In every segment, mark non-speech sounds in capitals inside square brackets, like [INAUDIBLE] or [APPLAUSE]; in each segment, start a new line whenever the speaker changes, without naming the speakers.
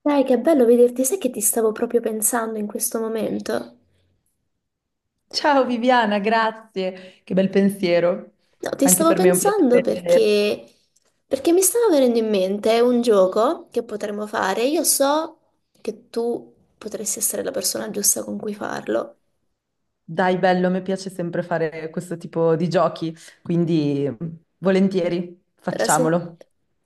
Dai, che bello vederti, sai che ti stavo proprio pensando in questo momento?
Ciao Viviana, grazie. Che bel pensiero.
No, ti
Anche
stavo
per me è un
pensando
piacere vedere.
perché mi stava venendo in mente un gioco che potremmo fare. Io so che tu potresti essere la persona giusta con cui farlo.
Dai, bello, mi piace sempre fare questo tipo di giochi, quindi volentieri,
Allora, se...
facciamolo.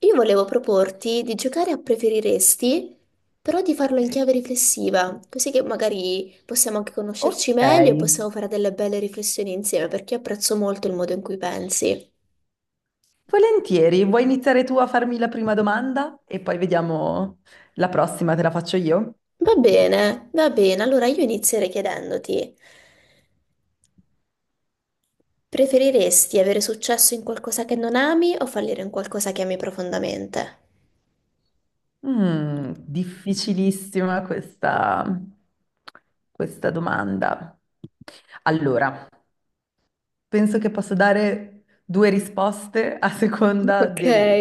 Io volevo proporti di giocare a preferiresti, però di farlo in chiave riflessiva, così che magari possiamo anche
Ok.
conoscerci meglio e possiamo fare delle belle riflessioni insieme, perché io apprezzo molto il modo in cui pensi.
Volentieri, vuoi iniziare tu a farmi la prima domanda e poi vediamo la prossima, te la faccio io?
Va bene, va bene. Allora io inizierei chiedendoti, preferiresti avere successo in qualcosa che non ami o fallire in qualcosa che ami profondamente?
Difficilissima questa domanda. Allora, penso che posso dare due risposte a seconda
Ok.
del,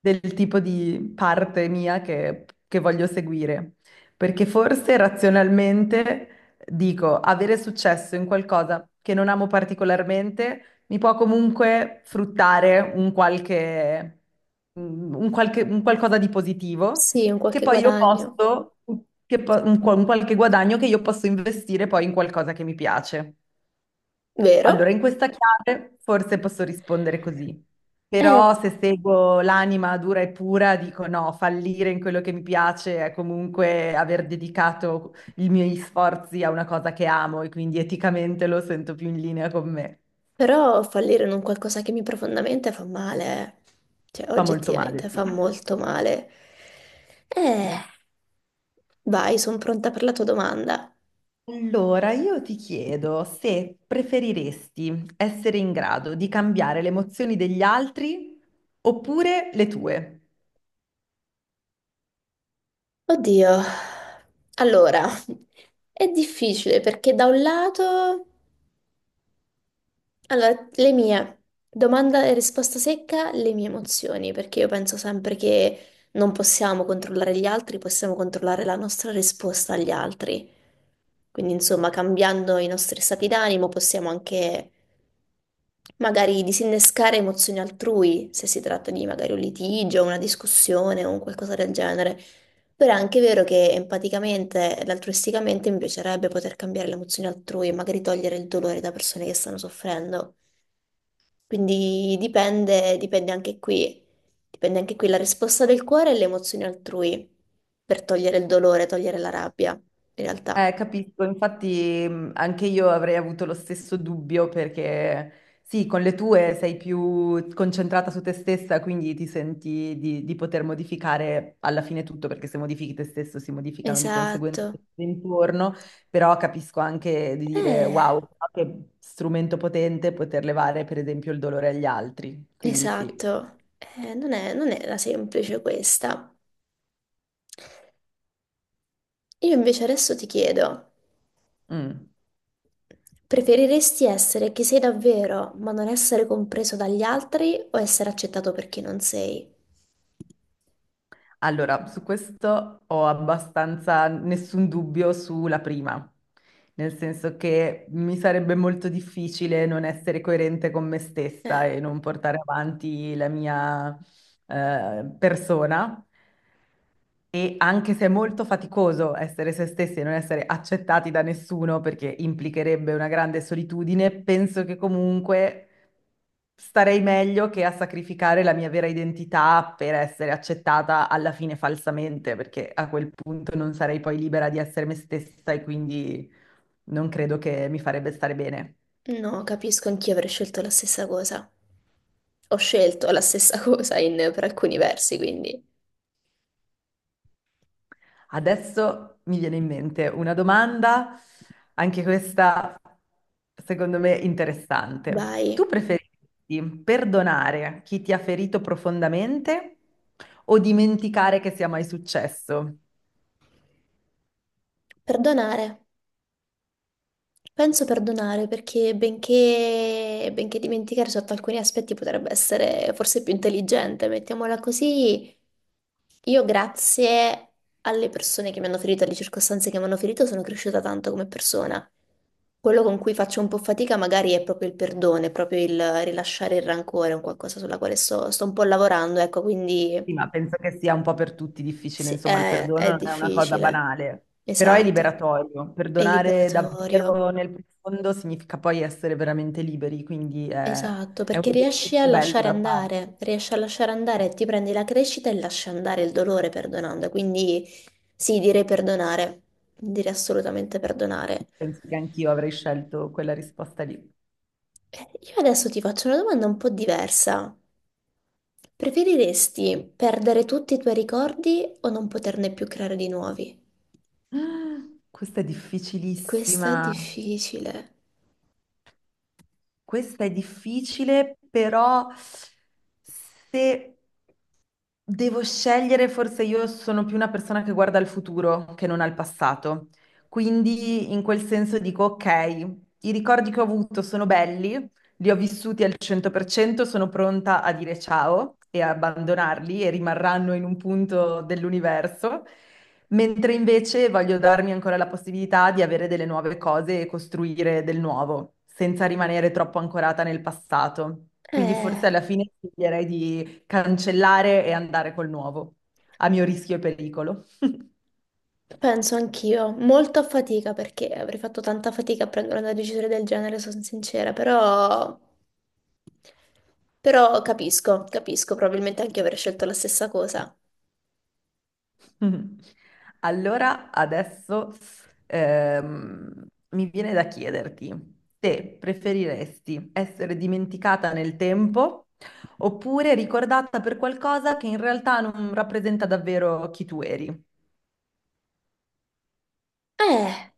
del tipo di parte mia che voglio seguire. Perché forse razionalmente dico, avere successo in qualcosa che non amo particolarmente mi può comunque fruttare un qualcosa di positivo
Sì, un
che
qualche
poi io
guadagno,
posso, che po- un, qua- un qualche guadagno che io posso investire poi in qualcosa che mi piace. Allora,
vero?
in questa chiave forse posso rispondere così,
Eh,
però se seguo l'anima dura e pura, dico no, fallire in quello che mi piace è comunque aver dedicato i miei sforzi a una cosa che amo e quindi eticamente lo sento più in linea con me.
però fallire in un qualcosa che mi profondamente fa male, eh. Cioè
Fa molto
oggettivamente
male, sì.
fa molto male. Eh, vai, sono pronta per la tua domanda.
Allora, io ti chiedo se preferiresti essere in grado di cambiare le emozioni degli altri oppure le tue.
Oddio, allora, è difficile perché da un lato Allora, le mie domanda e risposta secca, le mie emozioni, perché io penso sempre che non possiamo controllare gli altri, possiamo controllare la nostra risposta agli altri. Quindi, insomma, cambiando i nostri stati d'animo possiamo anche magari disinnescare emozioni altrui, se si tratta di magari un litigio, una discussione o un qualcosa del genere. Però è anche vero che empaticamente ed altruisticamente mi piacerebbe poter cambiare le emozioni altrui e magari togliere il dolore da persone che stanno soffrendo. Quindi dipende, dipende anche qui la risposta del cuore e le emozioni altrui per togliere il dolore, togliere la rabbia, in realtà.
Capisco, infatti anche io avrei avuto lo stesso dubbio perché sì, con le tue sei più concentrata su te stessa, quindi ti senti di poter modificare alla fine tutto, perché se modifichi te stesso si modificano di conseguenza
Esatto,
tutto intorno, però capisco anche di dire
eh,
wow, che strumento potente poter levare per esempio il dolore agli altri, quindi sì.
esatto, eh, non è, non era semplice questa. Io invece adesso ti chiedo,
Mm.
preferiresti essere chi sei davvero, ma non essere compreso dagli altri o essere accettato per chi non sei?
Allora, su questo ho abbastanza nessun dubbio sulla prima, nel senso che mi sarebbe molto difficile non essere coerente con me stessa
Eh.
e non portare avanti la mia persona e anche se è molto faticoso essere se stessi e non essere accettati da nessuno perché implicherebbe una grande solitudine, penso che comunque starei meglio che a sacrificare la mia vera identità per essere accettata alla fine falsamente, perché a quel punto non sarei poi libera di essere me stessa e quindi non credo che mi farebbe stare bene.
No, capisco, anch'io avrei scelto la stessa cosa. Ho scelto la stessa [LAUGHS] cosa per alcuni versi, quindi
Adesso mi viene in mente una domanda, anche questa secondo me interessante.
vai.
Tu preferisci perdonare chi ti ha ferito profondamente o dimenticare che sia mai successo?
Perdonare. Penso perdonare perché benché dimenticare sotto alcuni aspetti potrebbe essere forse più intelligente, mettiamola così, io grazie alle persone che mi hanno ferito, alle circostanze che mi hanno ferito, sono cresciuta tanto come persona. Quello con cui faccio un po' fatica magari è proprio il perdono, è proprio il rilasciare il rancore, è un qualcosa sulla quale sto un po' lavorando, ecco, quindi
Sì, ma penso che sia un po' per tutti difficile,
sì,
insomma, il
è,
perdono
è
non è una cosa
difficile.
banale, però è
Esatto.
liberatorio.
È
Perdonare
liberatorio.
davvero nel profondo significa poi essere veramente liberi, quindi è,
Esatto,
è un
perché riesci a
esercizio bello
lasciare
da fare.
andare, riesci a lasciare andare, ti prendi la crescita e lasci andare il dolore perdonando. Quindi sì, direi perdonare, direi assolutamente perdonare.
Penso che anch'io avrei scelto quella risposta lì.
Eh, Io adesso ti faccio una domanda un po' diversa. Preferiresti perdere tutti i tuoi ricordi o non poterne più creare di nuovi?
[GASPS] Questa è
Questa è
difficilissima.
difficile.
Questa è difficile, però se devo scegliere, forse io sono più una persona che guarda al futuro che non al passato. Quindi in quel senso dico, ok, i ricordi che ho avuto sono belli, li ho vissuti al 100%, sono pronta a dire ciao e a abbandonarli e rimarranno in un punto dell'universo. Mentre invece voglio darmi ancora la possibilità di avere delle nuove cose e costruire del nuovo, senza rimanere troppo ancorata nel passato. Quindi forse alla
Eh.
fine sceglierei di cancellare e andare col nuovo, a mio rischio e pericolo. [LAUGHS]
Penso anch'io, molto a fatica perché avrei fatto tanta fatica a prendere una decisione del genere, sono sincera, però, però capisco, capisco, probabilmente anche io avrei scelto la stessa cosa.
Mhm. Allora, adesso mi viene da chiederti se preferiresti essere dimenticata nel tempo oppure ricordata per qualcosa che in realtà non rappresenta davvero chi tu eri.
Eh,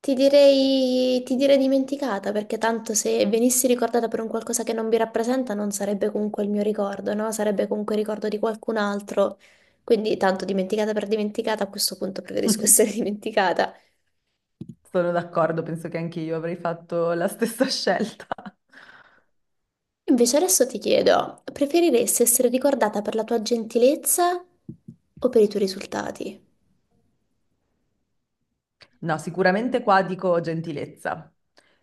ti direi dimenticata perché tanto se venissi ricordata per un qualcosa che non mi rappresenta non sarebbe comunque il mio ricordo, no? Sarebbe comunque il ricordo di qualcun altro, quindi tanto dimenticata per dimenticata, a questo punto preferisco
[LAUGHS]
essere [LAUGHS] dimenticata.
Sono d'accordo, penso che anche io avrei fatto la stessa [LAUGHS] scelta.
Invece adesso ti chiedo, preferiresti essere ricordata per la tua gentilezza o per i tuoi risultati?
No, sicuramente qua dico gentilezza,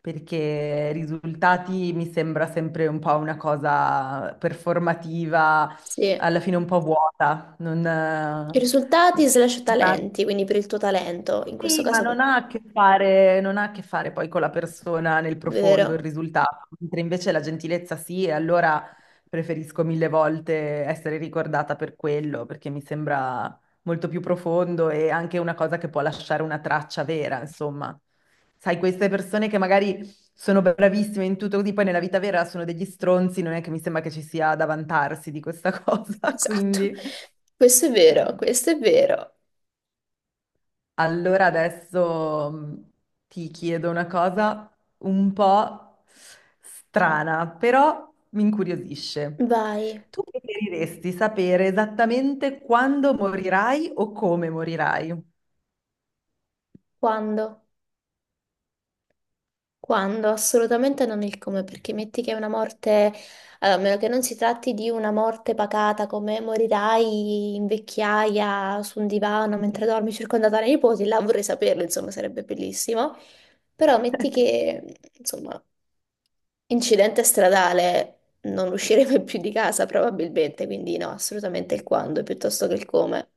perché risultati mi sembra sempre un po' una cosa performativa,
Sì, i
alla fine un po' vuota, non,
risultati slash
una-
talenti, quindi per il tuo talento, in questo
sì, ma
caso, è
non ha a che fare, non ha a che fare poi con la persona nel profondo, il
vero,
risultato, mentre invece la gentilezza sì, e allora preferisco mille volte essere ricordata per quello, perché mi sembra molto più profondo e anche una cosa che può lasciare una traccia vera, insomma. Sai, queste persone che magari sono bravissime in tutto così, poi nella vita vera sono degli stronzi, non è che mi sembra che ci sia da vantarsi di questa [LAUGHS] cosa,
esatto,
quindi.
questo è vero,
eh,
questo è vero.
Allora adesso ti chiedo una cosa un po' strana, però mi incuriosisce.
Vai,
Tu preferiresti sapere esattamente quando morirai o come morirai?
quando? Quando? Assolutamente non il come, perché metti che è una morte, allora, a meno che non si tratti di una morte pacata come morirai in vecchiaia su un divano mentre
[LAUGHS]
dormi circondata dai nipoti, là vorrei saperlo, insomma, sarebbe bellissimo. Però metti che, insomma, incidente stradale, non usciremo [LAUGHS] più di casa probabilmente, quindi no, assolutamente il quando piuttosto che il come.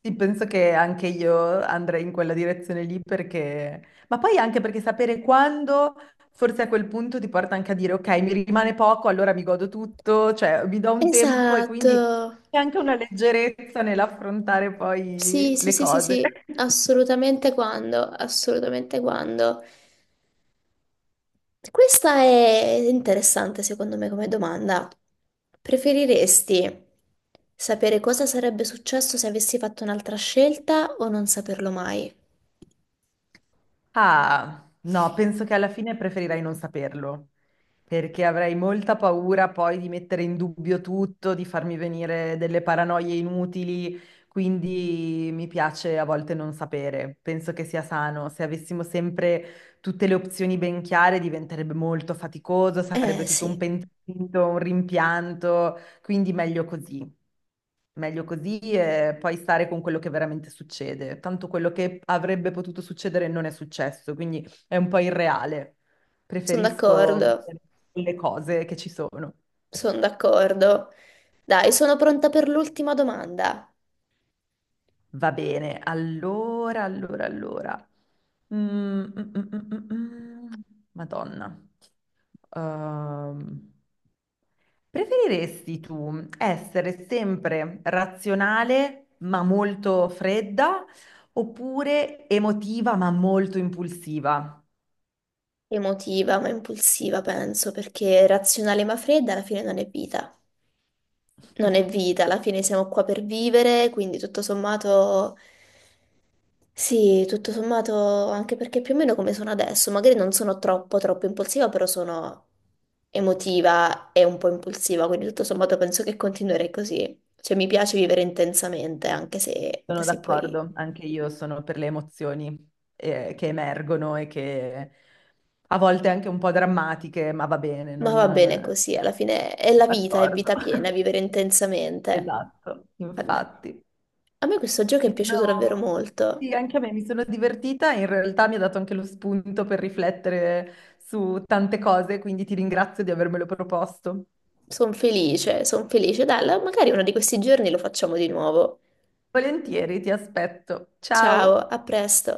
Sì, penso che anche io andrei in quella direzione lì perché, ma poi anche perché sapere quando, forse a quel punto ti porta anche a dire, ok, mi rimane poco, allora mi godo tutto, cioè mi do un tempo e
Esatto.
quindi c'è anche una leggerezza nell'affrontare
Sì,
poi
sì,
le
sì, sì,
cose.
sì, assolutamente quando, assolutamente quando. Questa è interessante secondo me come domanda. Preferiresti sapere cosa sarebbe successo se avessi fatto un'altra scelta o non saperlo mai?
Ah, no, penso che alla fine preferirai non saperlo, perché avrei molta paura poi di mettere in dubbio tutto, di farmi venire delle paranoie inutili, quindi mi piace a volte non sapere. Penso che sia sano. Se avessimo sempre tutte le opzioni ben chiare, diventerebbe molto faticoso, sarebbe
Eh
tutto un
sì,
pentito, un rimpianto, quindi meglio così. Meglio così e poi stare con quello che veramente succede. Tanto quello che avrebbe potuto succedere non è successo, quindi è un po' irreale.
sono
Preferisco
d'accordo,
vivere le cose che ci sono.
sono d'accordo. Dai, sono pronta per l'ultima domanda.
Va bene, allora. Mm, mm, mm, mm, mm, mm. Madonna. Ehm, preferiresti tu essere sempre razionale ma molto fredda oppure emotiva ma molto impulsiva?
Emotiva ma impulsiva, penso, perché razionale ma fredda alla fine non è vita. Non è vita, alla fine siamo qua per vivere, quindi tutto sommato... Sì, tutto sommato, anche perché più o meno come sono adesso, magari non sono troppo troppo impulsiva, però sono emotiva e un po' impulsiva, quindi tutto sommato penso che continuerei così. Cioè mi piace vivere intensamente, anche se, anche
Sono
se poi...
d'accordo, anche io sono per le emozioni che emergono e che a volte anche un po' drammatiche, ma va bene,
Ma
non
va bene così, alla
sono
fine è la vita, è
d'accordo.
vita piena,
[LAUGHS]
vivere intensamente.
Esatto,
Guarda,
infatti.
a me questo gioco è
Mi
piaciuto davvero
sono-
molto.
Sì, anche a me mi sono divertita, in realtà mi ha dato anche lo spunto per riflettere su tante cose, quindi ti ringrazio di avermelo proposto.
Sono felice, sono felice. Dai, magari uno di questi giorni lo facciamo di nuovo.
Volentieri, ti aspetto.
Ciao,
Ciao!
a presto.